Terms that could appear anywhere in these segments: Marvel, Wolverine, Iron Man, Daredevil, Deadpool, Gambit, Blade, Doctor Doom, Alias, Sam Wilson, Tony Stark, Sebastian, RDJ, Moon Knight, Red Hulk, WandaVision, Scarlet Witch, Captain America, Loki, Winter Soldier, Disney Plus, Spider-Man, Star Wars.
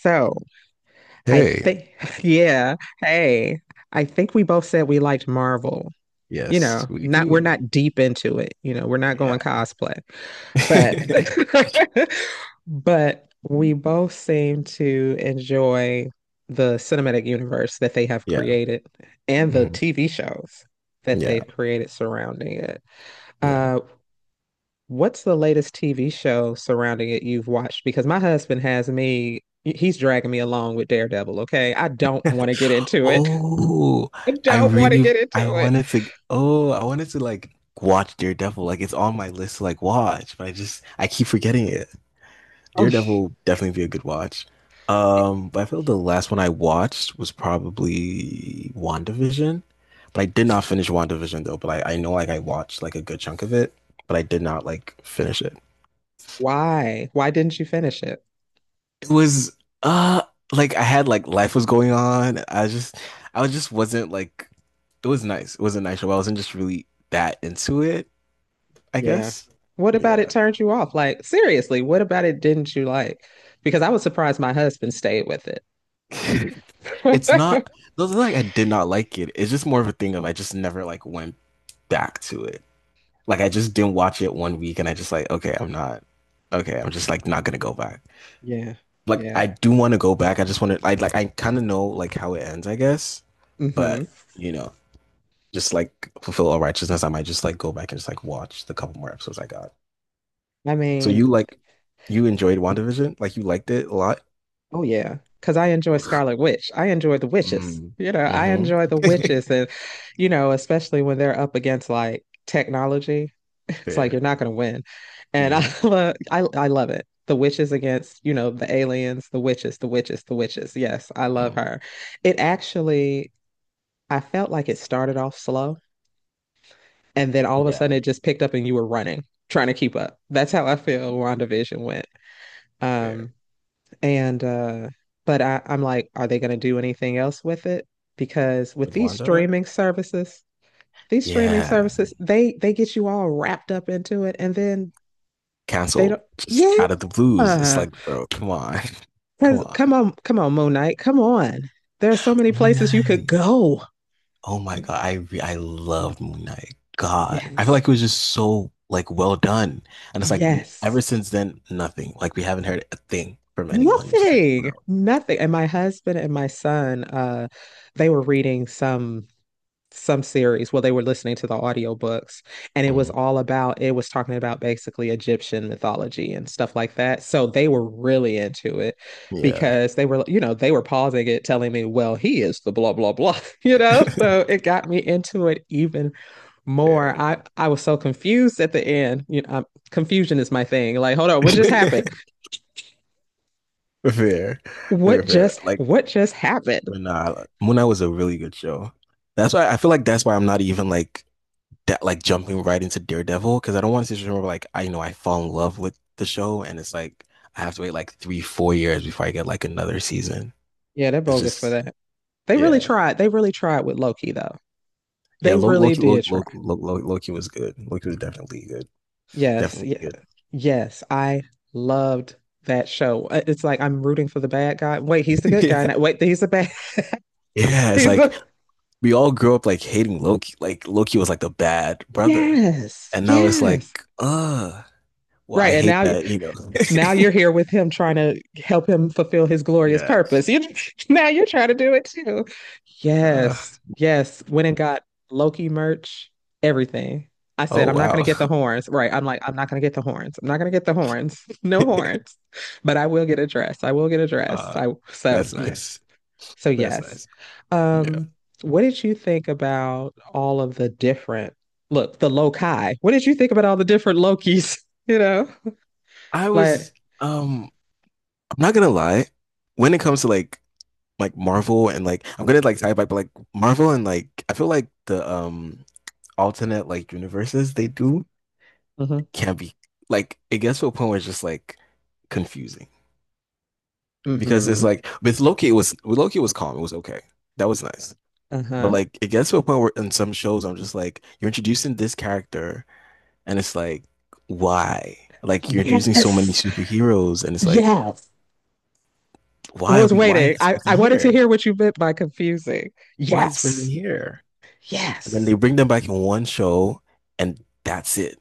So I Hey, think, yeah, hey, I think we both said we liked Marvel. Yes, we Not we're do. not deep into it. We're not Yeah. going cosplay, but but we both seem to enjoy the cinematic universe that they have Yeah. created and the Mhm. TV shows that Yeah. they've created surrounding it. Yeah. Uh, What's the latest TV show surrounding it you've watched? Because my husband has me, he's dragging me along with Daredevil, okay? I don't want to get into it. Oh, I I don't want to really get into I it. wanted to I wanted to like watch Daredevil. Like it's on my list to like watch, but I just I keep forgetting it. Oh, Daredevil definitely be a good watch. But I feel like the last one I watched was probably WandaVision. But I did not finish WandaVision though, but I know like I watched like a good chunk of it, but I did not like finish it. why? Why didn't you finish it? It was uh like I had like life was going on. I just wasn't like it was nice. It was a nice show. I wasn't just really that into it, I Yeah. guess. What about it Yeah. turned you off? Like, seriously, what about it didn't you like? Because I was surprised my husband stayed with it. It's not those are like I did not like it. It's just more of a thing of I just never like went back to it. Like I just didn't watch it one week and I just like, okay, I'm not okay, I'm just like not gonna go back. Yeah. Like Yeah. I do want to go back. I just want to I like I kind of know like how it ends, I guess. Hmm. But you know, just like fulfill all righteousness, I might just like go back and just like watch the couple more episodes I got. I So mean, you enjoyed WandaVision? Like you liked it a lot? oh yeah, because I enjoy Scarlet Witch. I enjoy the witches. Mm. I Mm-hmm. enjoy the witches, and especially when they're up against like technology, it's like you're Fair. not going to win. And I, Mm-hmm. lo- I love it. The witches against, the aliens, the witches, the witches, the witches. Yes, I love Mm. her. It actually, I felt like it started off slow, and then all of a Yeah, sudden it just picked up, and you were running, trying to keep up. That's how I feel WandaVision went. fair. Um, and but I'm like, are they going to do anything else with it? Because with With Wanda? These streaming Yeah. services, they get you all wrapped up into it, and then they Canceled. don't. Just Yeah, out of the blues. It's because like, bro, come on. Come on. come on, come on, Moon Knight, come on. There are so many Moon places you could Knight. go. Oh my God, I loved Moon Knight. God, I feel Yes, like it was just so like well done, and it's like ever yes. since then, nothing. Like we haven't heard a thing from anyone. So it's just like, Nothing, wow. nothing. And my husband and my son, they were reading some series. Well, they were listening to the audiobooks and it was Mm, all about it was talking about basically Egyptian mythology and stuff like that. So they were really into it yeah, because they were, you know, they were pausing it telling me, well, he is the blah blah blah, you know, so it got me into it even more. fair, I was so confused at the end. Confusion is my thing. Like hold on, what just happened? fair, fair. Like, What just happened? but nah, Moon Knight was a really good show. That's why I'm not even like that, like jumping right into Daredevil because I don't want to just remember like I know I fall in love with the show, and it's like I have to wait like three, 4 years before I get like another season. Yeah, they're It's bogus for just. that. They really Yeah. tried. They really tried with Loki though. Yeah, They really did try. Loki was good. Loki was definitely good. Yes, Definitely yeah, good. yes. I loved that show. It's like I'm rooting for the bad guy. Wait, he's the good guy Yeah. now. Wait, he's the bad. Yeah, it's He's like the. we all grew up like hating Loki. Like Loki was like the bad brother. Yes, And now it's like, yes. Well, I Right, and hate now that, you know. now you're here with him trying to help him fulfill his glorious Yeah. purpose. You, now you're trying to do it too. Uh, Yes. Yes. Went and got Loki merch, everything. I said, oh I'm not going wow. to get the horns. Right. I'm like, I'm not going to get the horns. I'm not going to get the horns. No horns. But I will get a dress. I will get a dress. Uh, I so that's yes. nice. So That's yes. nice. Yeah. Um what did you think about all of the different look, the Loki? What did you think about all the different Lokis, you know? I Like was um I'm not gonna lie, when it comes to like Marvel and like I'm gonna like tie it back, but like Marvel and like I feel like the alternate like universes they do mhm. can be like it gets to a point where it's just like confusing because it's Mm-hmm. like with Loki it was calm, it was okay, that was nice. But Uh-huh. like it gets to a point where in some shows I'm just like you're introducing this character and it's like why, like you're introducing so many Yes. superheroes and it's like Yes. I why are was we, waiting. I wanted to hear what you meant by confusing. why is this person Yes. here and then Yes. they bring them back in one show and that's it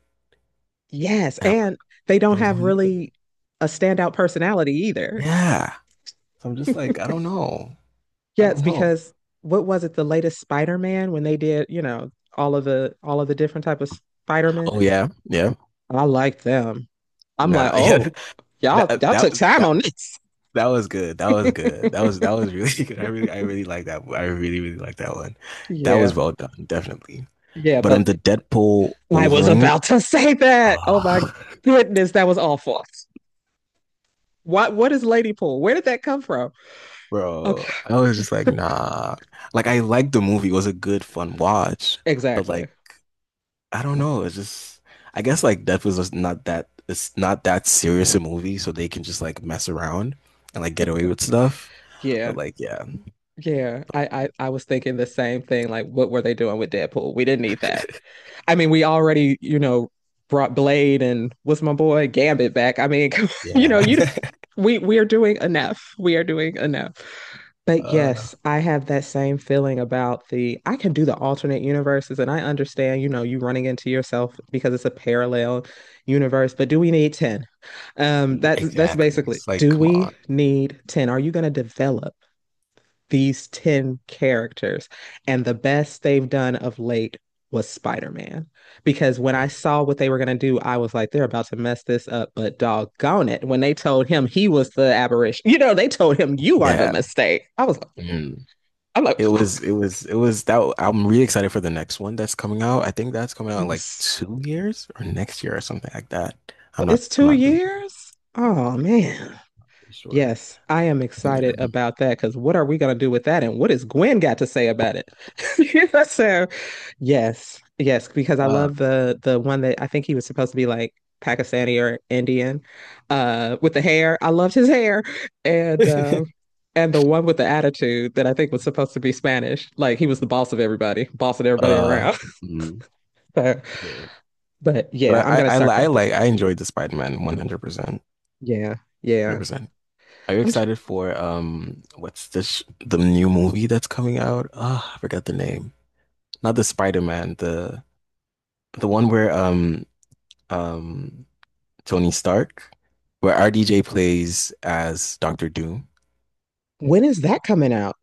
Yes. and I'm like And they don't there was no have need for this, really a standout personality either. yeah, so I'm just like I Yes, don't know. because what was it, the latest Spider-Man when they did, all of the different type of Spider-Man? Oh yeah, yeah. I like them. I'm like, Nah, yeah. oh, That y'all that took time on that this. that was good. That was good. That was really good. I really like that. I really really like that one. That was Yeah. well done, definitely. Yeah, But on but the Deadpool I was Wolverine, about to say that. Oh my ah, goodness, that was awful. What is lady pool? Where did that come from? bro, Okay. I was just like, nah. Like I liked the movie. It was a good fun watch, but Exactly. like I don't know. It's just I guess like Deadpool's just not that, it's not that serious a movie, so they can just like mess around and like get away with stuff. But Yeah. like yeah. Yeah. I I was thinking the same thing. Like, what were they doing with Deadpool? We didn't need that. I mean, we already, brought Blade and what's my boy Gambit back. I mean, you Yeah. know, you we are doing enough. We are doing enough. But Uh, yes, I have that same feeling about the I can do the alternate universes and I understand, you running into yourself because it's a parallel universe, but do we need 10? That's exactly. basically, It's like, do come we on. need 10? Are you going to develop these 10 characters? And the best they've done of late was Spider-Man. Because when I Mm, saw what they were going to do, I was like, they're about to mess this up, but doggone it. When they told him he was the aberration, you know, they told him you are the yeah. mistake. Mhm. I'm like, It was that. I'm really excited for the next one that's coming out. I think that's coming out in like yes. 2 years or next year or something like that. It's I'm two not really sure. years. Oh man. Sure. Yes, I am Yeah. excited about that because what are we going to do with that? And what has Gwen got to say about it? You know, so yes, yes, because I Uh, love the one that I think he was supposed to be like Pakistani or Indian, with the hair. I loved his hair. And uh, and the one with the attitude that I think was supposed to be Spanish. Like he was the boss of everybody, bossing everybody uh, around. mm, So, fair. but yeah, But I'm gonna I, li- start I collecting. like, I enjoyed the Spider-Man 100%. Yeah, yeah. 100%. Are you I'm tr- excited for, what's the, sh the new movie that's coming out? Ah, I forgot the name. Not the Spider-Man, the one where um Tony Stark, where RDJ plays as Doctor Doom. when is that coming out?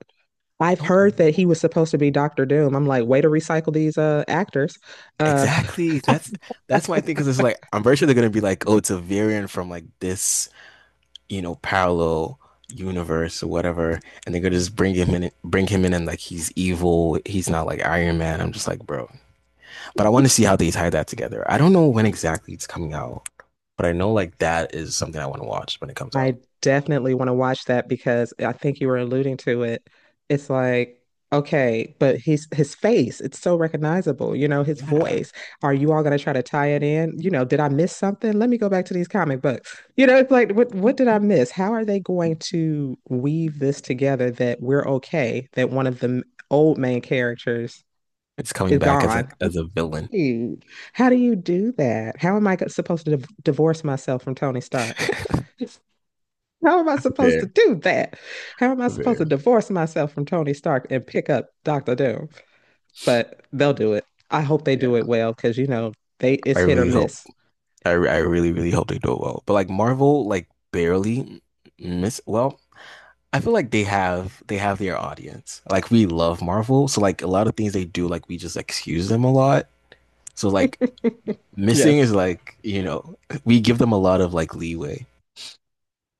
I I've don't heard that know. he was supposed to be Doctor Doom. I'm like, way to recycle these actors. Uh, Exactly. That's my thing because it's like I'm very sure they're gonna be like, oh, it's a variant from like this, you know, parallel universe or whatever, and they're gonna just bring him in, and like he's evil. He's not like Iron Man. I'm just like, bro. But I want to see how they tie that together. I don't know when exactly it's coming out, but I know like that is something I want to watch when it comes I out. definitely want to watch that because I think you were alluding to it. It's like, okay, but he's his face, it's so recognizable, his Yeah. voice. Are you all gonna try to tie it in? You know, did I miss something? Let me go back to these comic books. It's like, what did I miss? How are they going to weave this together that we're okay, that one of the old main characters It's coming is back as gone? A villain. Dude, how do you do that? How am I go- supposed to divorce myself from Tony Stark? How am I supposed to Fair, do that? How am I supposed to fair. divorce myself from Tony Stark and pick up Doctor Doom? But they'll do it. I hope they do it Yeah. well because you know they I it's hit or really hope. miss. I really really hope they do it well. But like Marvel, like barely miss. Well, I feel like they have their audience. Like we love Marvel, so like a lot of things they do, like we just excuse them a lot. So like missing Yes, is like you know we give them a lot of like leeway.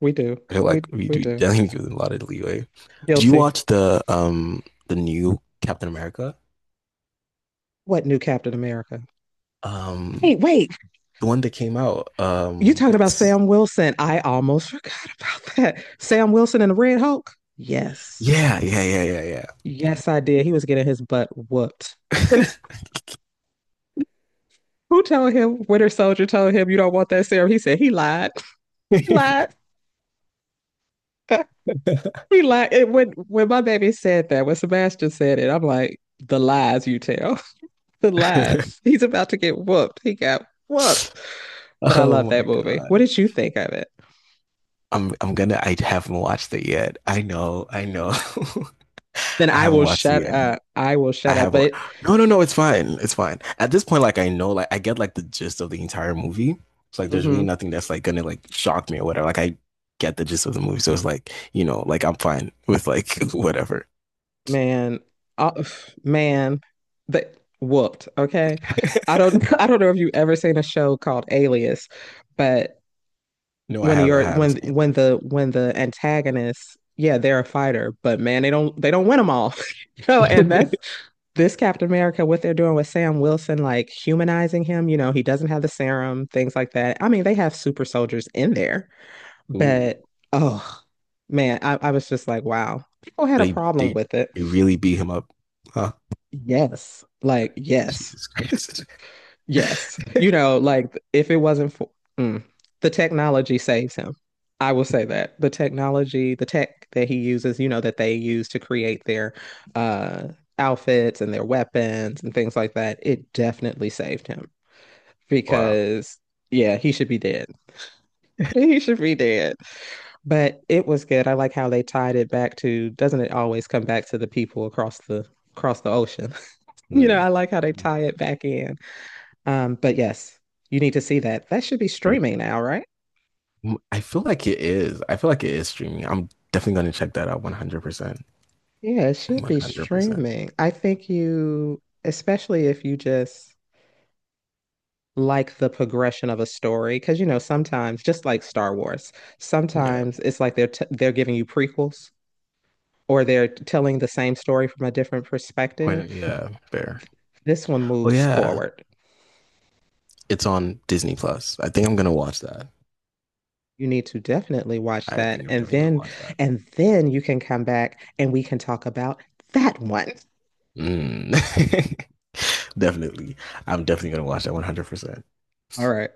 we do. I feel like we We do do. definitely give them a lot of leeway. Do you Guilty. watch the new Captain America? What new Captain America? Um, Wait, wait. the one that came out. You talking about What's Sam Wilson? I almost forgot about that. Sam Wilson and the Red Hulk. Yes, Yeah, yes, I did. He was getting his butt whooped. And who told him? Winter Soldier told him you don't want that serum. He said he lied. He yeah. lied. He lied. When my baby said that, when Sebastian said it, I'm like, the lies you tell, the lies. He's about to get whooped. He got whooped. But I love oh my that movie. What god. did you think of it? I'm gonna I haven't watched it yet. I know, I know. Then I I haven't will watched it shut yet. up. I will I shut up. Haven't no, it's fine. It's fine. At this point, like I know, like I get like the gist of the entire movie. So like there's really Mhm. nothing that's like gonna like shock me or whatever. Like I get the gist of the movie. So it's like, you know, like I'm fine with like whatever. man, uh, man, the whooped. Okay, I don't. I don't know if you ever seen a show called Alias, but No, I haven't seen when the antagonists, yeah, they're a fighter, but man they don't, they don't win them all. You know, and it. that's this Captain America. What they're doing with Sam Wilson, like humanizing him, you know, he doesn't have the serum, things like that. I mean they have super soldiers in there, Ooh. but oh man, I was just like wow, people had a They problem they with it. they really beat him up. Huh? Yes, like yes. Jesus Christ. Yes. You know, like if it wasn't for mm, the technology saves him. I will say that the technology, the tech that he uses, you know, that they use to create their uh outfits and their weapons and things like that, it definitely saved him wow. because yeah, he should be dead. He should be dead. But it was good. I like how they tied it back to, doesn't it always come back to the people across the ocean? You know, Mm. I like how they tie it back in. But yes, you need to see that. That should be I, streaming now, right? I feel like it is. I feel like it is streaming. I'm definitely going to check that out 100%. Yeah, it should be 100%. streaming. I think you, especially if you just like the progression of a story, because you know sometimes, just like Star Wars, Yeah. sometimes it's like they're giving you prequels or they're telling the same story from a different perspective. Yeah, fair. This one Oh moves yeah, forward. it's on Disney Plus. I think I'm going to watch that. You need to definitely watch I that, think I'm definitely going to watch that. and then you can come back and we can talk about that one. Mm. definitely. I'm definitely going to watch that 100%. All right.